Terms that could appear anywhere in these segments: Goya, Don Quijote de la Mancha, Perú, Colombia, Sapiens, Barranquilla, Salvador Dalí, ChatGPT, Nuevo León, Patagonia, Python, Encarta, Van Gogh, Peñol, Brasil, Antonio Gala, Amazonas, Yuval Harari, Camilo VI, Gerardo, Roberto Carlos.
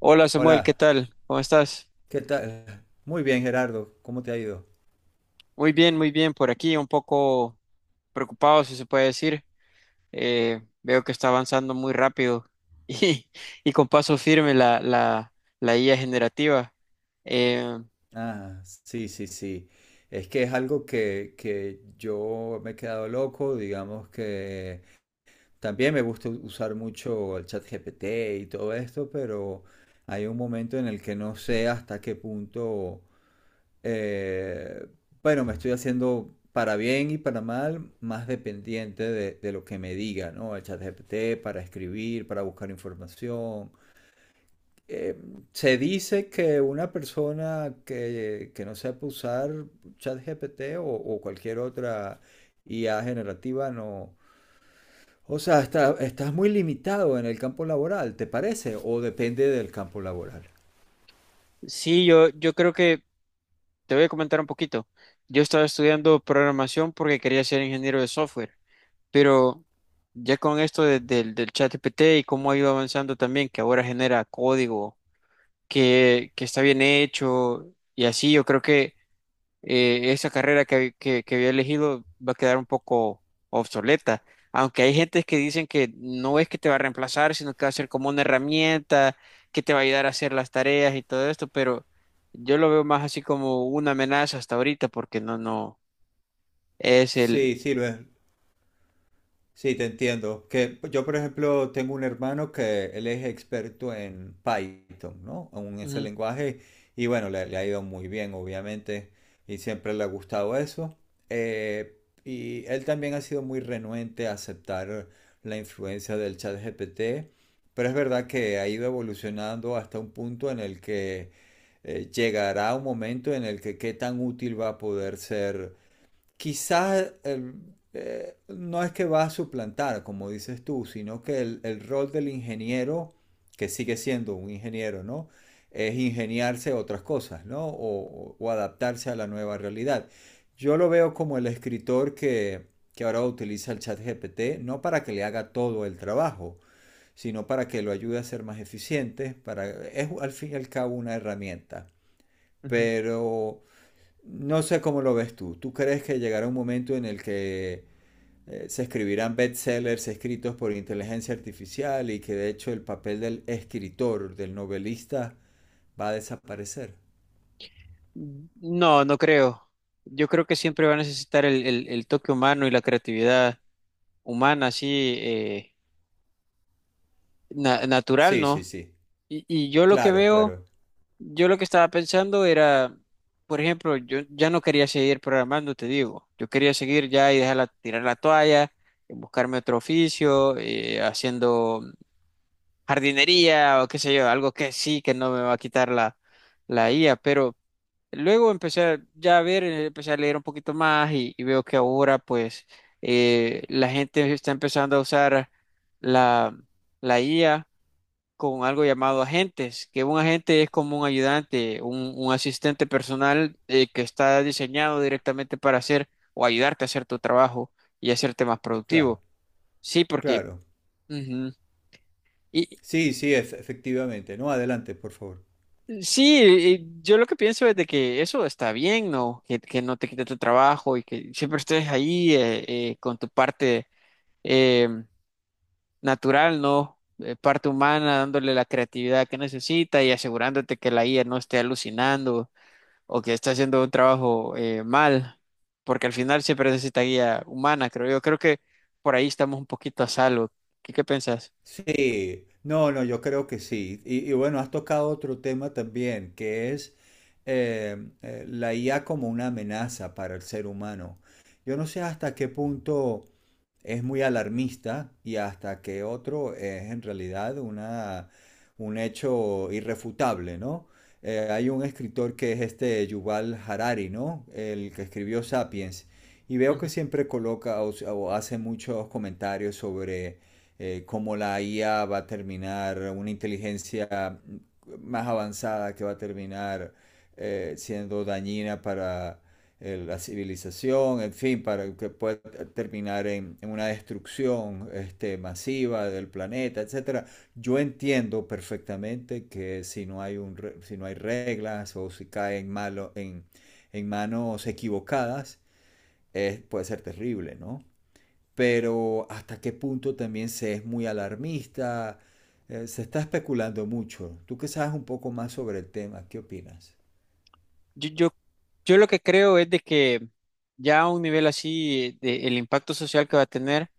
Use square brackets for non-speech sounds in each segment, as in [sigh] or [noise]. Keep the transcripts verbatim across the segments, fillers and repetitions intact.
Hola, Samuel, Hola, ¿qué tal? ¿Cómo estás? ¿qué tal? Muy bien, Gerardo, ¿cómo te ha ido? Muy bien, muy bien, por aquí un poco preocupado, si se puede decir. Eh, veo que está avanzando muy rápido [laughs] y, y con paso firme la, la, la i a generativa. Eh, Ah, sí, sí, sí. Es que es algo que, que yo me he quedado loco, digamos que también me gusta usar mucho el chat G P T y todo esto, pero hay un momento en el que no sé hasta qué punto, eh, bueno, me estoy haciendo para bien y para mal más dependiente de, de lo que me diga, ¿no? El chat G P T para escribir, para buscar información. Eh, Se dice que una persona que, que no sepa usar ChatGPT o, o cualquier otra I A generativa no. O sea, está- estás muy limitado en el campo laboral, ¿te parece? ¿O depende del campo laboral? sí, yo, yo creo que te voy a comentar un poquito. Yo estaba estudiando programación porque quería ser ingeniero de software, pero ya con esto de- del del ChatGPT y cómo ha ido avanzando también, que ahora genera código que, que está bien hecho y así. Yo creo que eh, esa carrera que, que, que había elegido va a quedar un poco obsoleta. Aunque hay gente que dicen que no es que te va a reemplazar, sino que va a ser como una herramienta que te va a ayudar a hacer las tareas y todo esto, pero yo lo veo más así como una amenaza hasta ahorita, porque no, no, es el... Sí, sí, lo es. Sí, te entiendo. Que yo, por ejemplo, tengo un hermano que él es experto en Python, ¿no? En ese Ujú, lenguaje. Y bueno, le, le ha ido muy bien, obviamente. Y siempre le ha gustado eso. Eh, y él también ha sido muy renuente a aceptar la influencia del chat G P T. Pero es verdad que ha ido evolucionando hasta un punto en el que eh, llegará un momento en el que qué tan útil va a poder ser quizás el- eh, no es que va a suplantar, como dices tú, sino que el, el rol del ingeniero, que sigue siendo un ingeniero, ¿no? Es ingeniarse otras cosas, ¿no? O, o- o adaptarse a la nueva realidad. Yo lo veo como el escritor que, que ahora utiliza el chat G P T, no para que le haga todo el trabajo, sino para que lo ayude a ser más eficiente, para, es al fin y al cabo una herramienta. ujú. Pero no sé cómo lo ves tú. ¿Tú crees que llegará un momento en el que eh, se escribirán bestsellers escritos por inteligencia artificial y que de hecho el papel del escritor, del novelista, va a desaparecer? No, no creo. Yo creo que siempre va a necesitar el, el, el toque humano y la creatividad humana, así eh, na- natural, Sí, ¿no? sí, sí. Y, y yo lo que Claro, veo, claro, yo lo que estaba pensando era, por ejemplo, yo ya no quería seguir programando, te digo, yo quería seguir ya y dejar la- tirar la toalla, eh, buscarme otro oficio, eh, haciendo jardinería o qué sé yo, algo que sí, que no me va a quitar la, la i a, pero luego empecé a- ya a ver, eh, empecé a leer un poquito más y, y veo que ahora pues eh, la gente está empezando a usar la, la i a con algo llamado agentes, que un agente es como un ayudante, un, un asistente personal eh, que está diseñado directamente para hacer o ayudarte a hacer tu trabajo y hacerte más claro, productivo. Sí, porque claro. ujú. Y Sí, sí, ef- efectivamente. No, adelante, por favor. sí, y yo lo que pienso es de que eso está bien, ¿no? Que, que no te quite tu trabajo y que siempre estés ahí eh, eh, con tu parte eh, natural, ¿no? Eh, parte humana, dándole la creatividad que necesita y asegurándote que la i a no esté alucinando o que está haciendo un trabajo eh, mal, porque al final siempre necesita guía humana, creo yo. Creo que por ahí estamos un poquito a salvo. ¿Qué, qué pensás? Sí, no, no, yo creo que sí. Y, y bueno, has tocado otro tema también, que es eh, eh, la I A como una amenaza para el ser humano. Yo no sé hasta qué punto es muy alarmista y hasta que otro es en realidad una, un hecho irrefutable, ¿no? Eh, hay un escritor que es este Yuval Harari, ¿no? El que escribió Sapiens. Y veo que Ujú. siempre coloca o, o hace muchos comentarios sobre eh, cómo la I A va a terminar, una inteligencia más avanzada que va a terminar eh, siendo dañina para el, la civilización, en fin, para que pueda terminar en, en una destrucción este, masiva del planeta, etcétera. Yo entiendo perfectamente que si no hay, un, si no hay reglas o si cae en, malo, en, en manos equivocadas, es- puede ser terrible, ¿no? Pero hasta qué punto también se es muy alarmista, eh, se está especulando mucho. Tú que sabes un poco más sobre el tema, ¿qué opinas? Yo, yo, yo lo que creo es de que ya a un nivel así, de- el impacto social que va a tener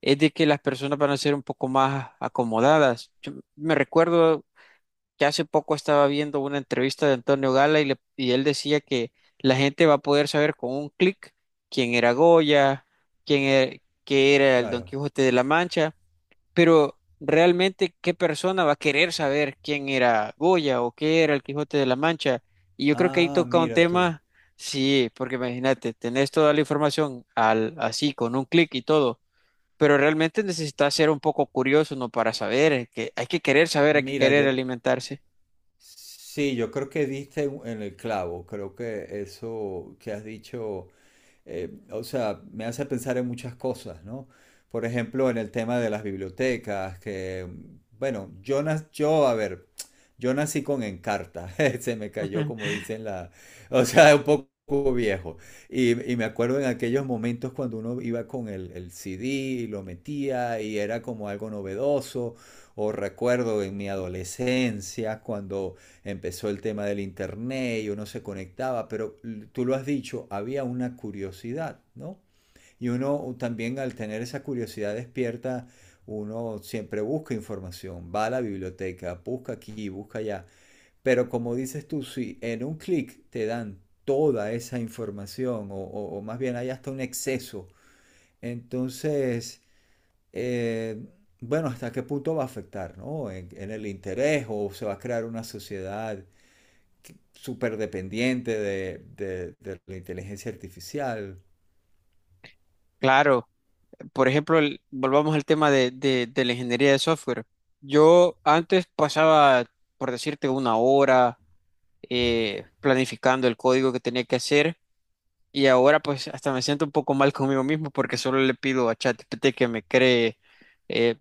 es de que las personas van a ser un poco más acomodadas. Yo me recuerdo que hace poco estaba viendo una entrevista de Antonio Gala y, le- y él decía que la gente va a poder saber con un clic quién era Goya, quién era, qué era el Don Claro. Quijote de la Mancha, pero realmente qué persona va a querer saber quién era Goya o qué era el Quijote de la Mancha. Y yo creo que ahí Ah, toca un mira tú. tema, sí, porque imagínate, tenés toda la información al, así con un clic y todo. Pero realmente necesitas ser un poco curioso, ¿no? Para saber, eh, que hay que querer saber, hay que Mira, querer yo, alimentarse. Sí, yo creo que diste en en el clavo, creo que eso que has dicho, eh, o sea, me hace pensar en muchas cosas, ¿no? Por ejemplo, en el tema de las bibliotecas, que, bueno, yo, nac- yo a ver, yo nací con Encarta, [laughs] se me cayó [laughs] como dicen la, o sea, un poco viejo. Y, y me acuerdo en aquellos momentos cuando uno iba con el, el C D y lo metía y era como algo novedoso. O recuerdo en mi adolescencia cuando empezó el tema del internet y uno se conectaba, pero tú lo has dicho, había una curiosidad, ¿no? Y uno también al tener esa curiosidad despierta, uno siempre busca información, va a la biblioteca, busca aquí, busca allá. Pero como dices tú, si en un clic te dan toda esa información, o, o, o más bien hay hasta un exceso, entonces eh, bueno, ¿hasta qué punto va a afectar, ¿no? En, en el interés o se va a crear una sociedad súper dependiente de, de- de la inteligencia artificial. Claro, por ejemplo, el- volvamos al tema de, de- de la ingeniería de software. Yo antes pasaba, por decirte, una hora eh, planificando el código que tenía que hacer y ahora pues hasta me siento un poco mal conmigo mismo porque solo le pido a ChatGPT que me cree eh,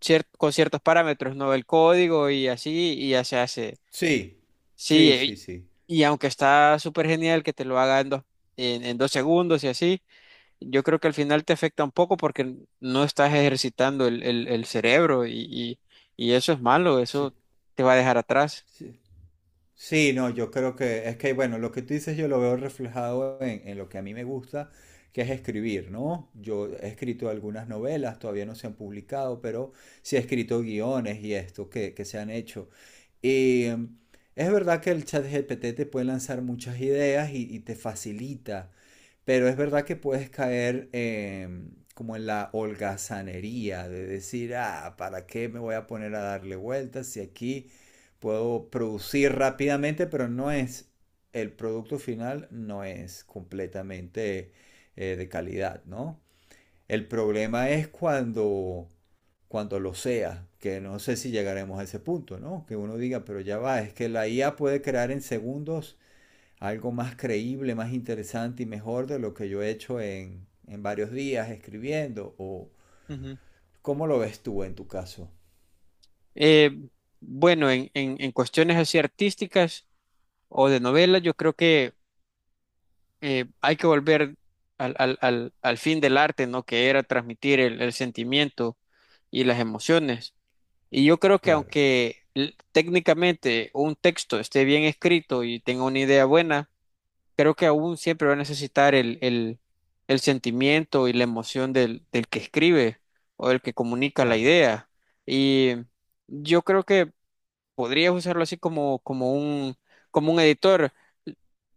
cier- con ciertos parámetros, ¿no? El código y así y ya se hace. Sí, Sí, sí, sí, eh, sí. y aunque está súper genial que te lo haga en dos, en en dos segundos y así. Yo creo que al final te afecta un poco porque no estás ejercitando el, el- el cerebro y, y- y eso es malo, Sí, eso te va a dejar atrás. sí. Sí, no, yo creo que es que, bueno, lo que tú dices yo lo veo reflejado en, en lo que a mí me gusta, que es escribir, ¿no? Yo he escrito algunas novelas, todavía no se han publicado, pero sí he escrito guiones y esto que, que se han hecho. Y em, es verdad que el chat G P T te puede lanzar muchas ideas y, y te facilita, pero es verdad que puedes caer em, como en la holgazanería de decir, ah, ¿para qué me voy a poner a darle vueltas si aquí puedo producir rápidamente, pero no es, el producto final no es completamente eh, de calidad, ¿no? El problema es cuando, cuando lo sea, que no sé si llegaremos a ese punto, ¿no? Que uno diga, pero ya va, es que la I A puede crear en segundos algo más creíble, más interesante y mejor de lo que yo he hecho en, en varios días escribiendo. O, Ujú. ¿cómo lo ves tú en tu caso? Eh, bueno, en, en- en cuestiones así artísticas o de novelas, yo creo que eh, hay que volver al, al- al- al fin del arte, ¿no? Que era transmitir el, el sentimiento y las emociones. Y yo creo que Claro, aunque l- técnicamente un texto esté bien escrito y tenga una idea buena, creo que aún siempre va a necesitar el, el, el sentimiento y la emoción del, del que escribe o del que comunica la claro. idea. Y yo creo que podrías usarlo así como, como un, como un editor,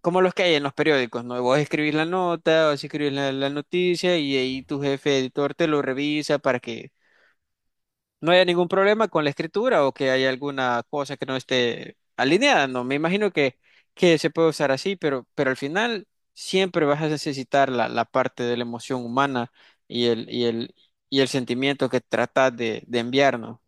como los que hay en los periódicos, ¿no? Vos escribís la nota, vos escribís la, la noticia y ahí tu jefe editor te lo revisa para que no haya ningún problema con la escritura o que haya alguna cosa que no esté alineada. No, me imagino que, que se puede usar así, pero, pero al final siempre vas a necesitar la, la parte de la emoción humana y el, y el, y el sentimiento que tratas de, de enviar, ¿no?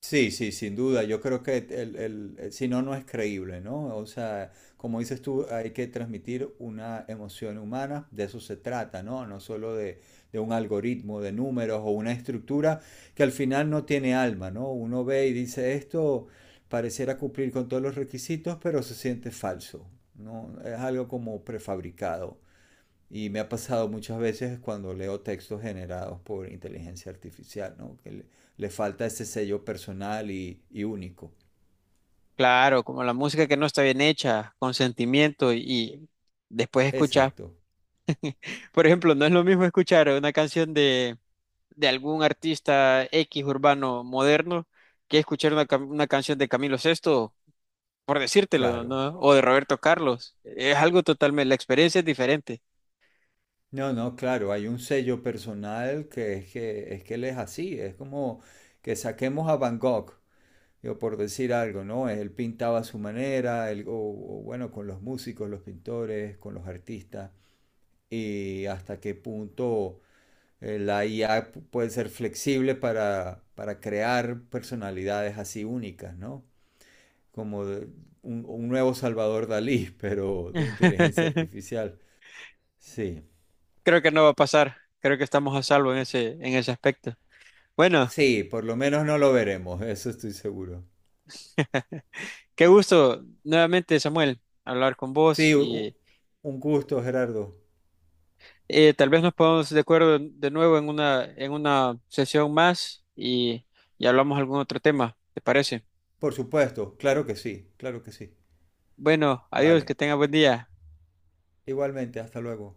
Sí, sí, sin duda. Yo creo que el, el- el- si no, no es creíble, ¿no? O sea, como dices tú, hay que transmitir una emoción humana, de eso se trata, ¿no? No solo de, de un algoritmo de números o una estructura que al final no tiene alma, ¿no? Uno ve y dice, esto pareciera cumplir con todos los requisitos, pero se siente falso, ¿no? Es algo como prefabricado. Y me ha pasado muchas veces cuando leo textos generados por inteligencia artificial, ¿no? Que le, le falta ese sello personal y, y único. Claro, como la música que no está bien hecha, con sentimiento y, y después escuchar. Exacto, Por ejemplo, no es lo mismo escuchar una canción de, de algún artista X urbano moderno que escuchar una, cam- una canción de Camilo sexto por decírtelo, claro. ¿no? O de Roberto Carlos. Es algo totalmente, la experiencia es diferente. No, no, claro, hay un sello personal que es que, es que él es así, es como que saquemos a Van Gogh, digo, por decir algo, ¿no? Él pintaba a su manera, él- o, o bueno, con los músicos, los pintores, con los artistas, y hasta qué punto eh, la I A pu- puede ser flexible para, para crear personalidades así únicas, ¿no? Como de- un, un nuevo Salvador Dalí, [laughs] pero de inteligencia [laughs] artificial. Sí, Creo que no va a pasar. Creo que estamos a salvo en ese, en ese aspecto. Bueno, sí, por lo menos no lo veremos, [laughs] eso estoy seguro. qué gusto nuevamente, Samuel, hablar con vos Sí, u- y un gusto, Gerardo. eh, tal vez nos pongamos de acuerdo de nuevo en una, en una sesión más y, y hablamos algún otro tema, ¿te parece? Por supuesto, claro que sí, claro que sí. Bueno, adiós, Vale, que tenga buen día. igualmente, hasta luego.